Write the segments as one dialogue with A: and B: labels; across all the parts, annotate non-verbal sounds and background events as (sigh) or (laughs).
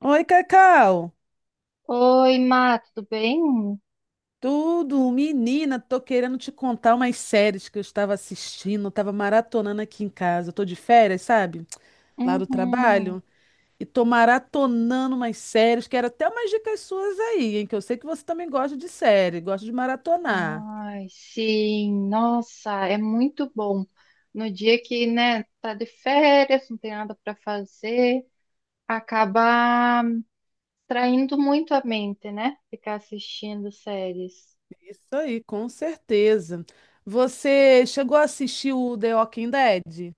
A: Oi, Cacau.
B: Oi, Má, tudo bem?
A: Tudo, menina, tô querendo te contar umas séries que eu estava assistindo, tava maratonando aqui em casa. Eu tô de férias, sabe? Lá do
B: Uhum.
A: trabalho. E tô maratonando umas séries, quero até umas dicas suas aí, hein? Que eu sei que você também gosta de série, gosta de maratonar.
B: Ai, sim, nossa, é muito bom. No dia que, né, tá de férias, não tem nada para fazer, acaba traindo muito a mente, né? Ficar assistindo séries.
A: Isso aí, com certeza. Você chegou a assistir o The Walking Dead?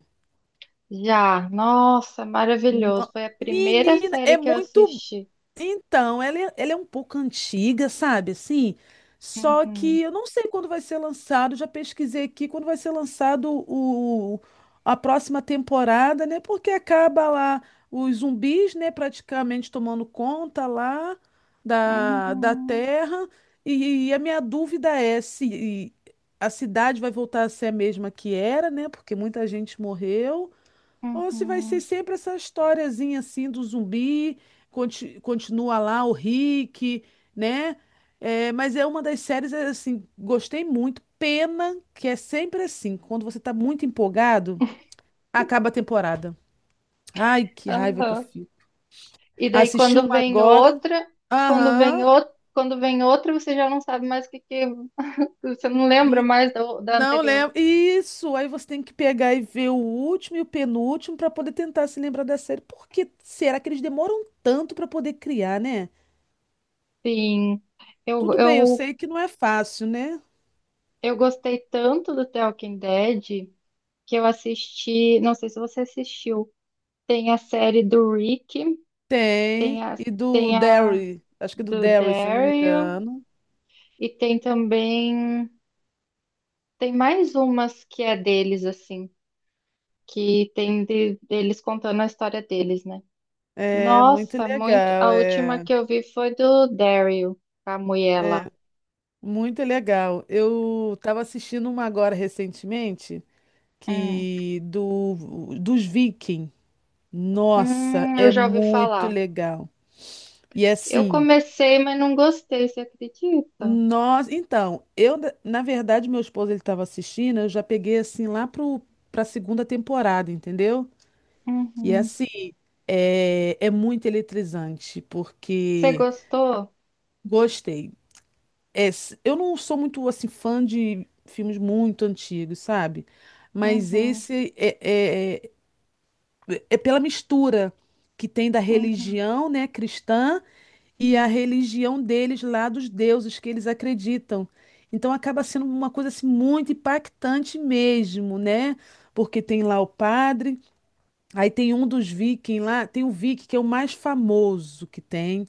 B: Já, nossa, maravilhoso.
A: No-
B: Foi a primeira
A: Menina, é
B: série que eu
A: muito.
B: assisti.
A: Então, ela é um pouco antiga, sabe? Assim, só
B: Uhum.
A: que eu não sei quando vai ser lançado. Já pesquisei aqui quando vai ser lançado a próxima temporada, né? Porque acaba lá os zumbis, né? Praticamente tomando conta lá da
B: Uhum.
A: Terra. E a minha dúvida é se a cidade vai voltar a ser a mesma que era, né? Porque muita gente morreu. Ou se vai ser
B: Uhum.
A: sempre essa historiazinha assim do zumbi, continua lá o Rick, né? É, mas é uma das séries, é, assim, gostei muito. Pena que é sempre assim, quando você tá muito empolgado, acaba a temporada. Ai, que raiva que eu
B: Aham.
A: fico.
B: E daí
A: Assisti
B: quando
A: uma
B: vem
A: agora.
B: outra, quando vem
A: Aham.
B: outra, quando vem outra, você já não sabe mais o que você não lembra
A: E
B: mais da
A: não
B: anterior.
A: lembro. Isso, aí você tem que pegar e ver o último e o penúltimo para poder tentar se lembrar da série. Por que será que eles demoram tanto para poder criar, né?
B: Sim, eu,
A: Tudo bem, eu
B: eu,
A: sei que não é fácil, né?
B: eu gostei tanto do The Walking Dead que eu assisti, não sei se você assistiu, tem a série do Rick, tem
A: Tem.
B: a,
A: E do
B: tem a
A: Derry, acho que do
B: do
A: Derry, se eu não me
B: Daryl
A: engano.
B: e tem também, tem mais umas que é deles, assim, que tem deles contando a história deles, né?
A: É muito
B: Nossa, muito.
A: legal,
B: A última
A: é
B: que eu vi foi do Daryl, com a mulher lá.
A: muito legal. Eu estava assistindo uma agora recentemente,
B: Hum.
A: que do dos Vikings. Nossa,
B: Eu
A: é
B: já ouvi
A: muito
B: falar.
A: legal. E
B: Eu
A: assim,
B: comecei, mas não gostei, você acredita?
A: nós, então, eu na verdade meu esposo ele estava assistindo, eu já peguei assim lá pro para segunda temporada, entendeu? E
B: Uhum.
A: assim, é, é muito eletrizante,
B: Você
A: porque
B: gostou?
A: gostei. É, eu não sou muito assim fã de filmes muito antigos, sabe? Mas
B: Uhum.
A: esse é, é, é, é pela mistura que tem da
B: Uhum.
A: religião, né, cristã e a religião deles lá dos deuses que eles acreditam. Então acaba sendo uma coisa assim muito impactante mesmo, né? Porque tem lá o padre, aí tem um dos vikings lá, tem o viking que é o mais famoso que tem.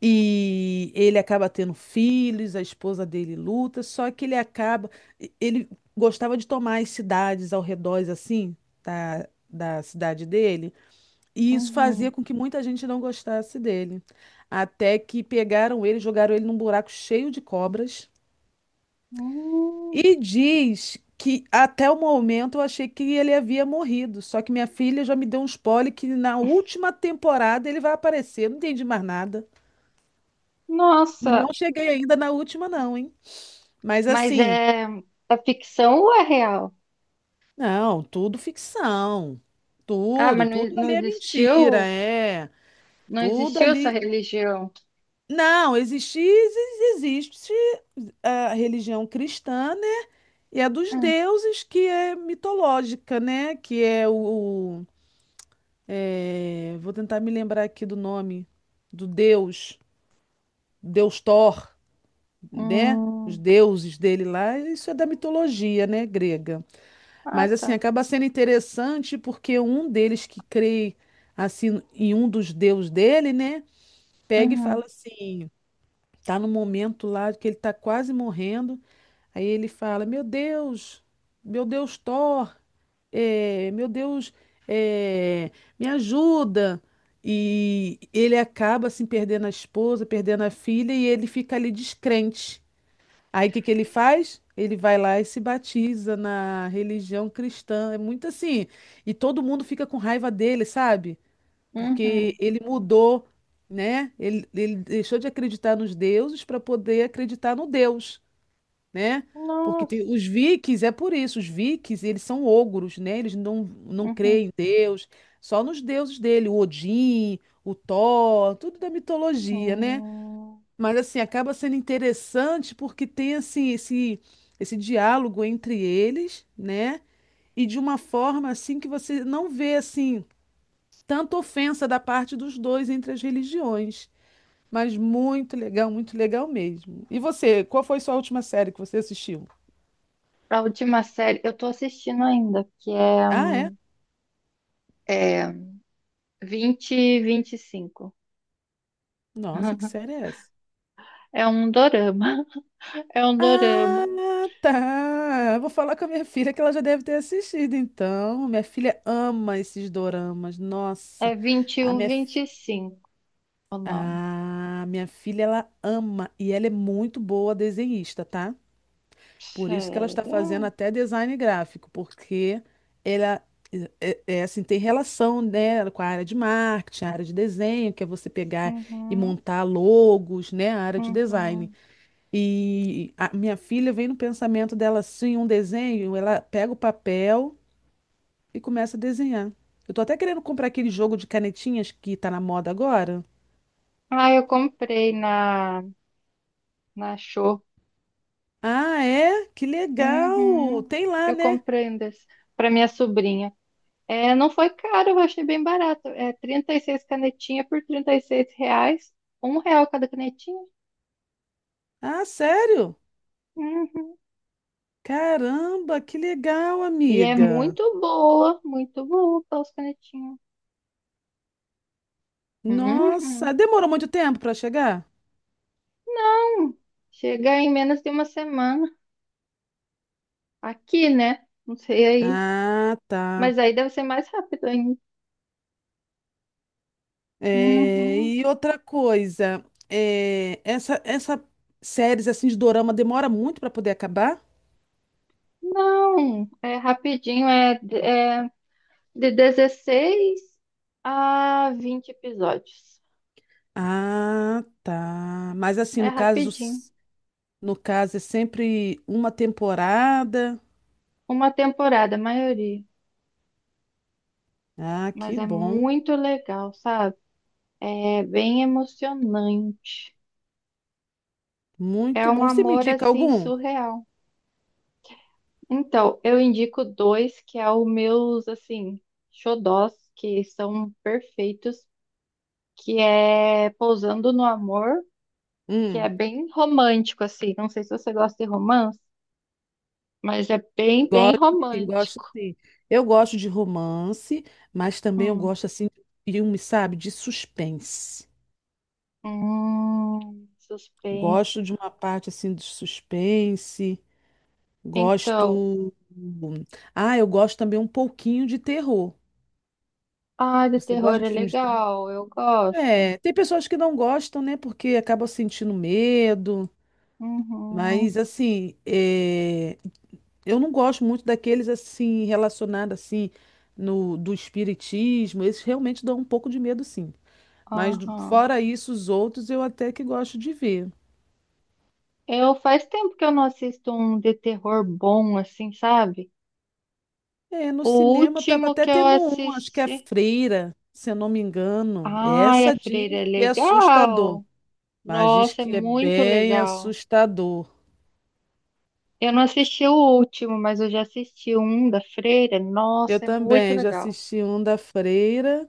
A: E ele acaba tendo filhos, a esposa dele luta, só que ele acaba. Ele gostava de tomar as cidades ao redor, assim, da cidade dele, e isso fazia
B: Uhum.
A: com que muita gente não gostasse dele. Até que pegaram ele, jogaram ele num buraco cheio de cobras,
B: Hum.
A: e diz que até o momento eu achei que ele havia morrido, só que minha filha já me deu um spoiler que na última temporada ele vai aparecer. Eu não entendi mais nada. E não
B: Nossa,
A: cheguei ainda na última, não, hein? Mas
B: mas
A: assim,
B: é ficção ou é real?
A: não, tudo ficção.
B: Ah,
A: Tudo,
B: mas
A: tudo
B: não
A: ali é mentira,
B: existiu?
A: é.
B: Não
A: Tudo
B: existiu essa
A: ali.
B: religião?
A: Não, existe, existe a religião cristã, né? E a dos
B: Hum.
A: deuses, que é mitológica, né? Que é é, vou tentar me lembrar aqui do nome do deus, Deus Thor, né? Os
B: Hum.
A: deuses dele lá, isso é da mitologia, né, grega.
B: Ah,
A: Mas assim,
B: tá.
A: acaba sendo interessante porque um deles que crê assim em um dos deus dele, né, pega e fala
B: Uhum.
A: assim, tá no momento lá que ele tá quase morrendo, aí ele fala: meu Deus Thor, meu Deus, eh, me ajuda". E ele acaba assim perdendo a esposa, perdendo a filha e ele fica ali descrente. Aí o que que ele faz? Ele vai lá e se batiza na religião cristã. É muito assim. E todo mundo fica com raiva dele, sabe? Porque
B: Uhum.
A: ele mudou, né? Ele deixou de acreditar nos deuses para poder acreditar no Deus, né? Porque tem,
B: Nossa.
A: os vikings, é por isso, os vikings, eles são ogros, né? Eles não, não
B: Uhum.
A: creem em Deus, só nos deuses dele, o Odin, o Thor, tudo da mitologia, né?
B: Hum,
A: Mas assim, acaba sendo interessante porque tem assim esse diálogo entre eles, né? E de uma forma assim que você não vê assim tanta ofensa da parte dos dois entre as religiões. Mas muito legal mesmo. E você, qual foi sua última série que você assistiu?
B: a última série, eu tô assistindo ainda, que é,
A: Ah, é?
B: é vinte vinte e vinte e cinco.
A: Nossa, que
B: (laughs)
A: série é essa?
B: É um dorama. (laughs) É um dorama.
A: Ah, tá. Vou falar com a minha filha que ela já deve ter assistido, então. Minha filha ama esses doramas.
B: É
A: Nossa,
B: um
A: a minha
B: 2125 o nome.
A: ah, minha filha, ela ama e ela é muito boa desenhista, tá? Por isso que ela está fazendo
B: Sério?
A: até design gráfico, porque ela é assim, tem relação, né, com a área de marketing, a área de desenho, que é você pegar e
B: Uhum,
A: montar logos, né, a área de design.
B: uhum.
A: E a minha filha vem no pensamento dela assim, um desenho, ela pega o papel e começa a desenhar. Eu tô até querendo comprar aquele jogo de canetinhas que tá na moda agora.
B: Ah, eu comprei na Show.
A: Ah, é? Que legal!
B: Uhum.
A: Tem lá,
B: Eu
A: né?
B: comprei um desse para minha sobrinha. É, não foi caro, eu achei bem barato. É 36 canetinhas por 36 reais. Um real cada canetinha.
A: Ah, sério?
B: Uhum.
A: Caramba, que legal,
B: E é
A: amiga.
B: muito boa para os canetinhos. Uhum.
A: Nossa, demorou muito tempo para chegar?
B: Chega em menos de uma semana. Aqui, né? Não sei aí.
A: Ah, tá.
B: Mas aí deve ser mais rápido ainda.
A: É,
B: Uhum.
A: e outra coisa, é, essa séries assim de dorama demora muito para poder acabar?
B: Não, é rapidinho, é de 16 a 20 episódios.
A: Ah, tá. Mas assim,
B: É
A: no caso,
B: rapidinho.
A: no caso é sempre uma temporada.
B: Uma temporada, a maioria.
A: Ah, que
B: Mas é
A: bom.
B: muito legal, sabe? É bem emocionante.
A: Muito
B: É um
A: bom. Você me
B: amor
A: indica
B: assim
A: algum?
B: surreal. Então, eu indico dois que é o meus, assim, xodós, que são perfeitos, que é Pousando no Amor, que é
A: Hum.
B: bem romântico, assim. Não sei se você gosta de romance, mas é bem, bem
A: Gosto, sim, gosto
B: romântico.
A: sim. Eu gosto de romance, mas também eu
B: Hum,
A: gosto assim de filme, sabe, de suspense.
B: suspense.
A: Gosto de uma parte assim de suspense.
B: Então,
A: Gosto. Ah, eu gosto também um pouquinho de terror.
B: ah, de
A: Você
B: terror
A: gosta
B: é
A: de filme de terror?
B: legal, eu gosto.
A: É, tem pessoas que não gostam, né, porque acabam sentindo medo.
B: Uhum,
A: Mas assim, é, eu não gosto muito daqueles assim relacionados assim no do espiritismo. Esses realmente dão um pouco de medo, sim. Mas
B: aham.
A: fora isso, os outros eu até que gosto de ver.
B: Eu faz tempo que eu não assisto um de terror bom, assim, sabe?
A: É, no
B: O
A: cinema estava
B: último
A: até
B: que eu
A: tendo um, acho que é
B: assisti.
A: Freira, se eu não me engano.
B: Ai, a
A: Essa
B: Freira é
A: diz que é assustador,
B: legal.
A: mas diz
B: Nossa, é
A: que é
B: muito
A: bem
B: legal.
A: assustador.
B: Eu não assisti o último, mas eu já assisti um da Freira.
A: Eu
B: Nossa, é muito
A: também já
B: legal.
A: assisti um da Freira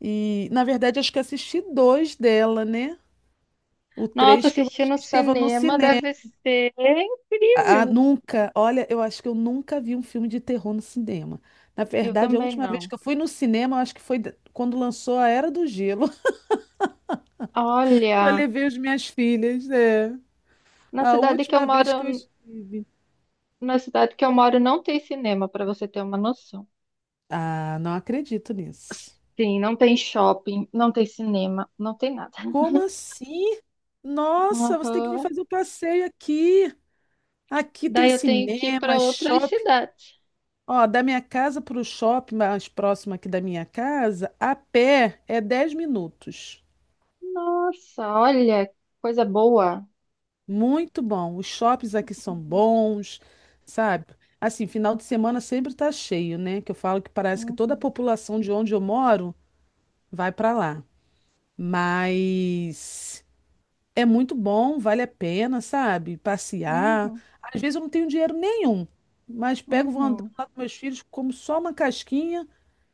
A: e, na verdade, acho que assisti dois dela, né? O
B: Nossa,
A: três que eu
B: assistir
A: acho
B: no
A: que estava no
B: cinema
A: cinema.
B: deve ser
A: Ah, ah,
B: incrível.
A: nunca. Olha, eu acho que eu nunca vi um filme de terror no cinema. Na
B: Eu
A: verdade, a
B: também
A: última vez
B: não.
A: que eu fui no cinema, eu acho que foi quando lançou A Era do Gelo, (laughs) que eu
B: Olha,
A: levei as minhas filhas. É.
B: na
A: A
B: cidade que eu
A: última
B: moro,
A: vez que eu estive.
B: na cidade que eu moro não tem cinema, para você ter uma noção.
A: Ah, não acredito nisso.
B: Sim, não tem shopping, não tem cinema, não tem nada.
A: Como assim? Nossa, você tem que vir
B: Aham.
A: fazer o passeio aqui. Aqui tem
B: Daí eu tenho que ir
A: cinema,
B: para outras
A: shopping.
B: cidades.
A: Ó, da minha casa para o shopping mais próximo aqui da minha casa, a pé é 10 minutos.
B: Nossa, olha, coisa boa.
A: Muito bom. Os shoppings aqui são bons, sabe? Assim, final de semana sempre tá cheio, né? Que eu falo que parece que toda a
B: Uhum,
A: população de onde eu moro vai para lá. Mas é muito bom, vale a pena, sabe?
B: uhum,
A: Passear.
B: uhum,
A: Às vezes eu não tenho dinheiro nenhum, mas pego, vou andando
B: uhum.
A: lá com meus filhos, como só uma casquinha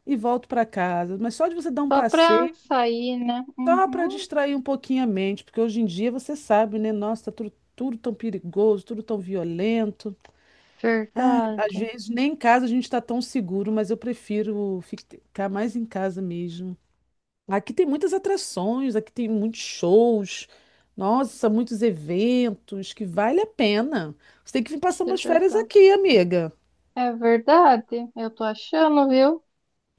A: e volto para casa. Mas só de você dar um
B: Só
A: passeio
B: para sair, né?
A: só para
B: Uhum.
A: distrair um pouquinho a mente, porque hoje em dia você sabe, né? Nossa, tá tudo, tudo tão perigoso, tudo tão violento. Ai, às
B: Verdade.
A: vezes nem em casa a gente está tão seguro, mas eu prefiro ficar mais em casa mesmo. Aqui tem muitas atrações, aqui tem muitos shows, nossa, muitos eventos que vale a pena. Você tem que vir passar
B: Que
A: umas férias
B: legal.
A: aqui, amiga.
B: É verdade, eu tô achando, viu?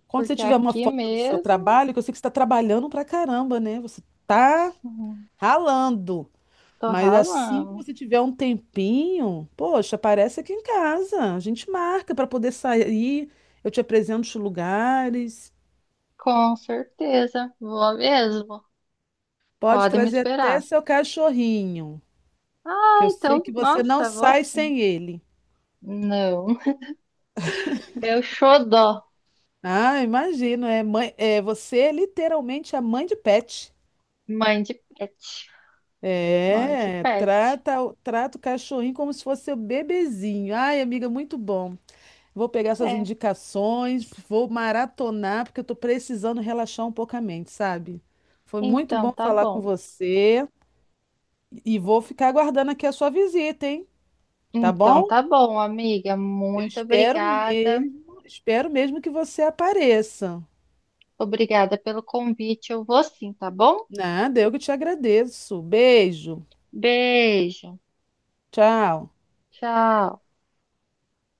A: Quando você
B: Porque
A: tiver uma
B: aqui
A: folga do seu
B: mesmo,
A: trabalho, que eu sei que você está trabalhando pra caramba, né? Você tá
B: sim,
A: ralando.
B: tô
A: Mas assim que
B: ralando.
A: você tiver um tempinho, poxa, aparece aqui em casa. A gente marca para poder sair. Eu te apresento os lugares.
B: Com certeza, vou mesmo.
A: Pode
B: Pode me
A: trazer até
B: esperar.
A: seu cachorrinho,
B: Ah,
A: que eu sei
B: então,
A: que você não
B: nossa, vou
A: sai
B: sim.
A: sem ele.
B: Não, (laughs) meu xodó,
A: Ah, imagino, é mãe, é você é literalmente a mãe de pet.
B: mãe de pet. Mãe de
A: É,
B: pet.
A: trata, trata o cachorrinho como se fosse seu bebezinho. Ai, amiga, muito bom. Vou pegar suas
B: É,
A: indicações, vou maratonar, porque eu tô precisando relaxar um pouco a mente, sabe? Foi muito
B: então
A: bom
B: tá
A: falar com
B: bom.
A: você e vou ficar aguardando aqui a sua visita, hein? Tá
B: Então
A: bom?
B: tá bom, amiga.
A: Eu
B: Muito obrigada.
A: espero mesmo que você apareça.
B: Obrigada pelo convite. Eu vou sim, tá bom?
A: Nada, eu que te agradeço. Beijo.
B: Beijo.
A: Tchau.
B: Tchau.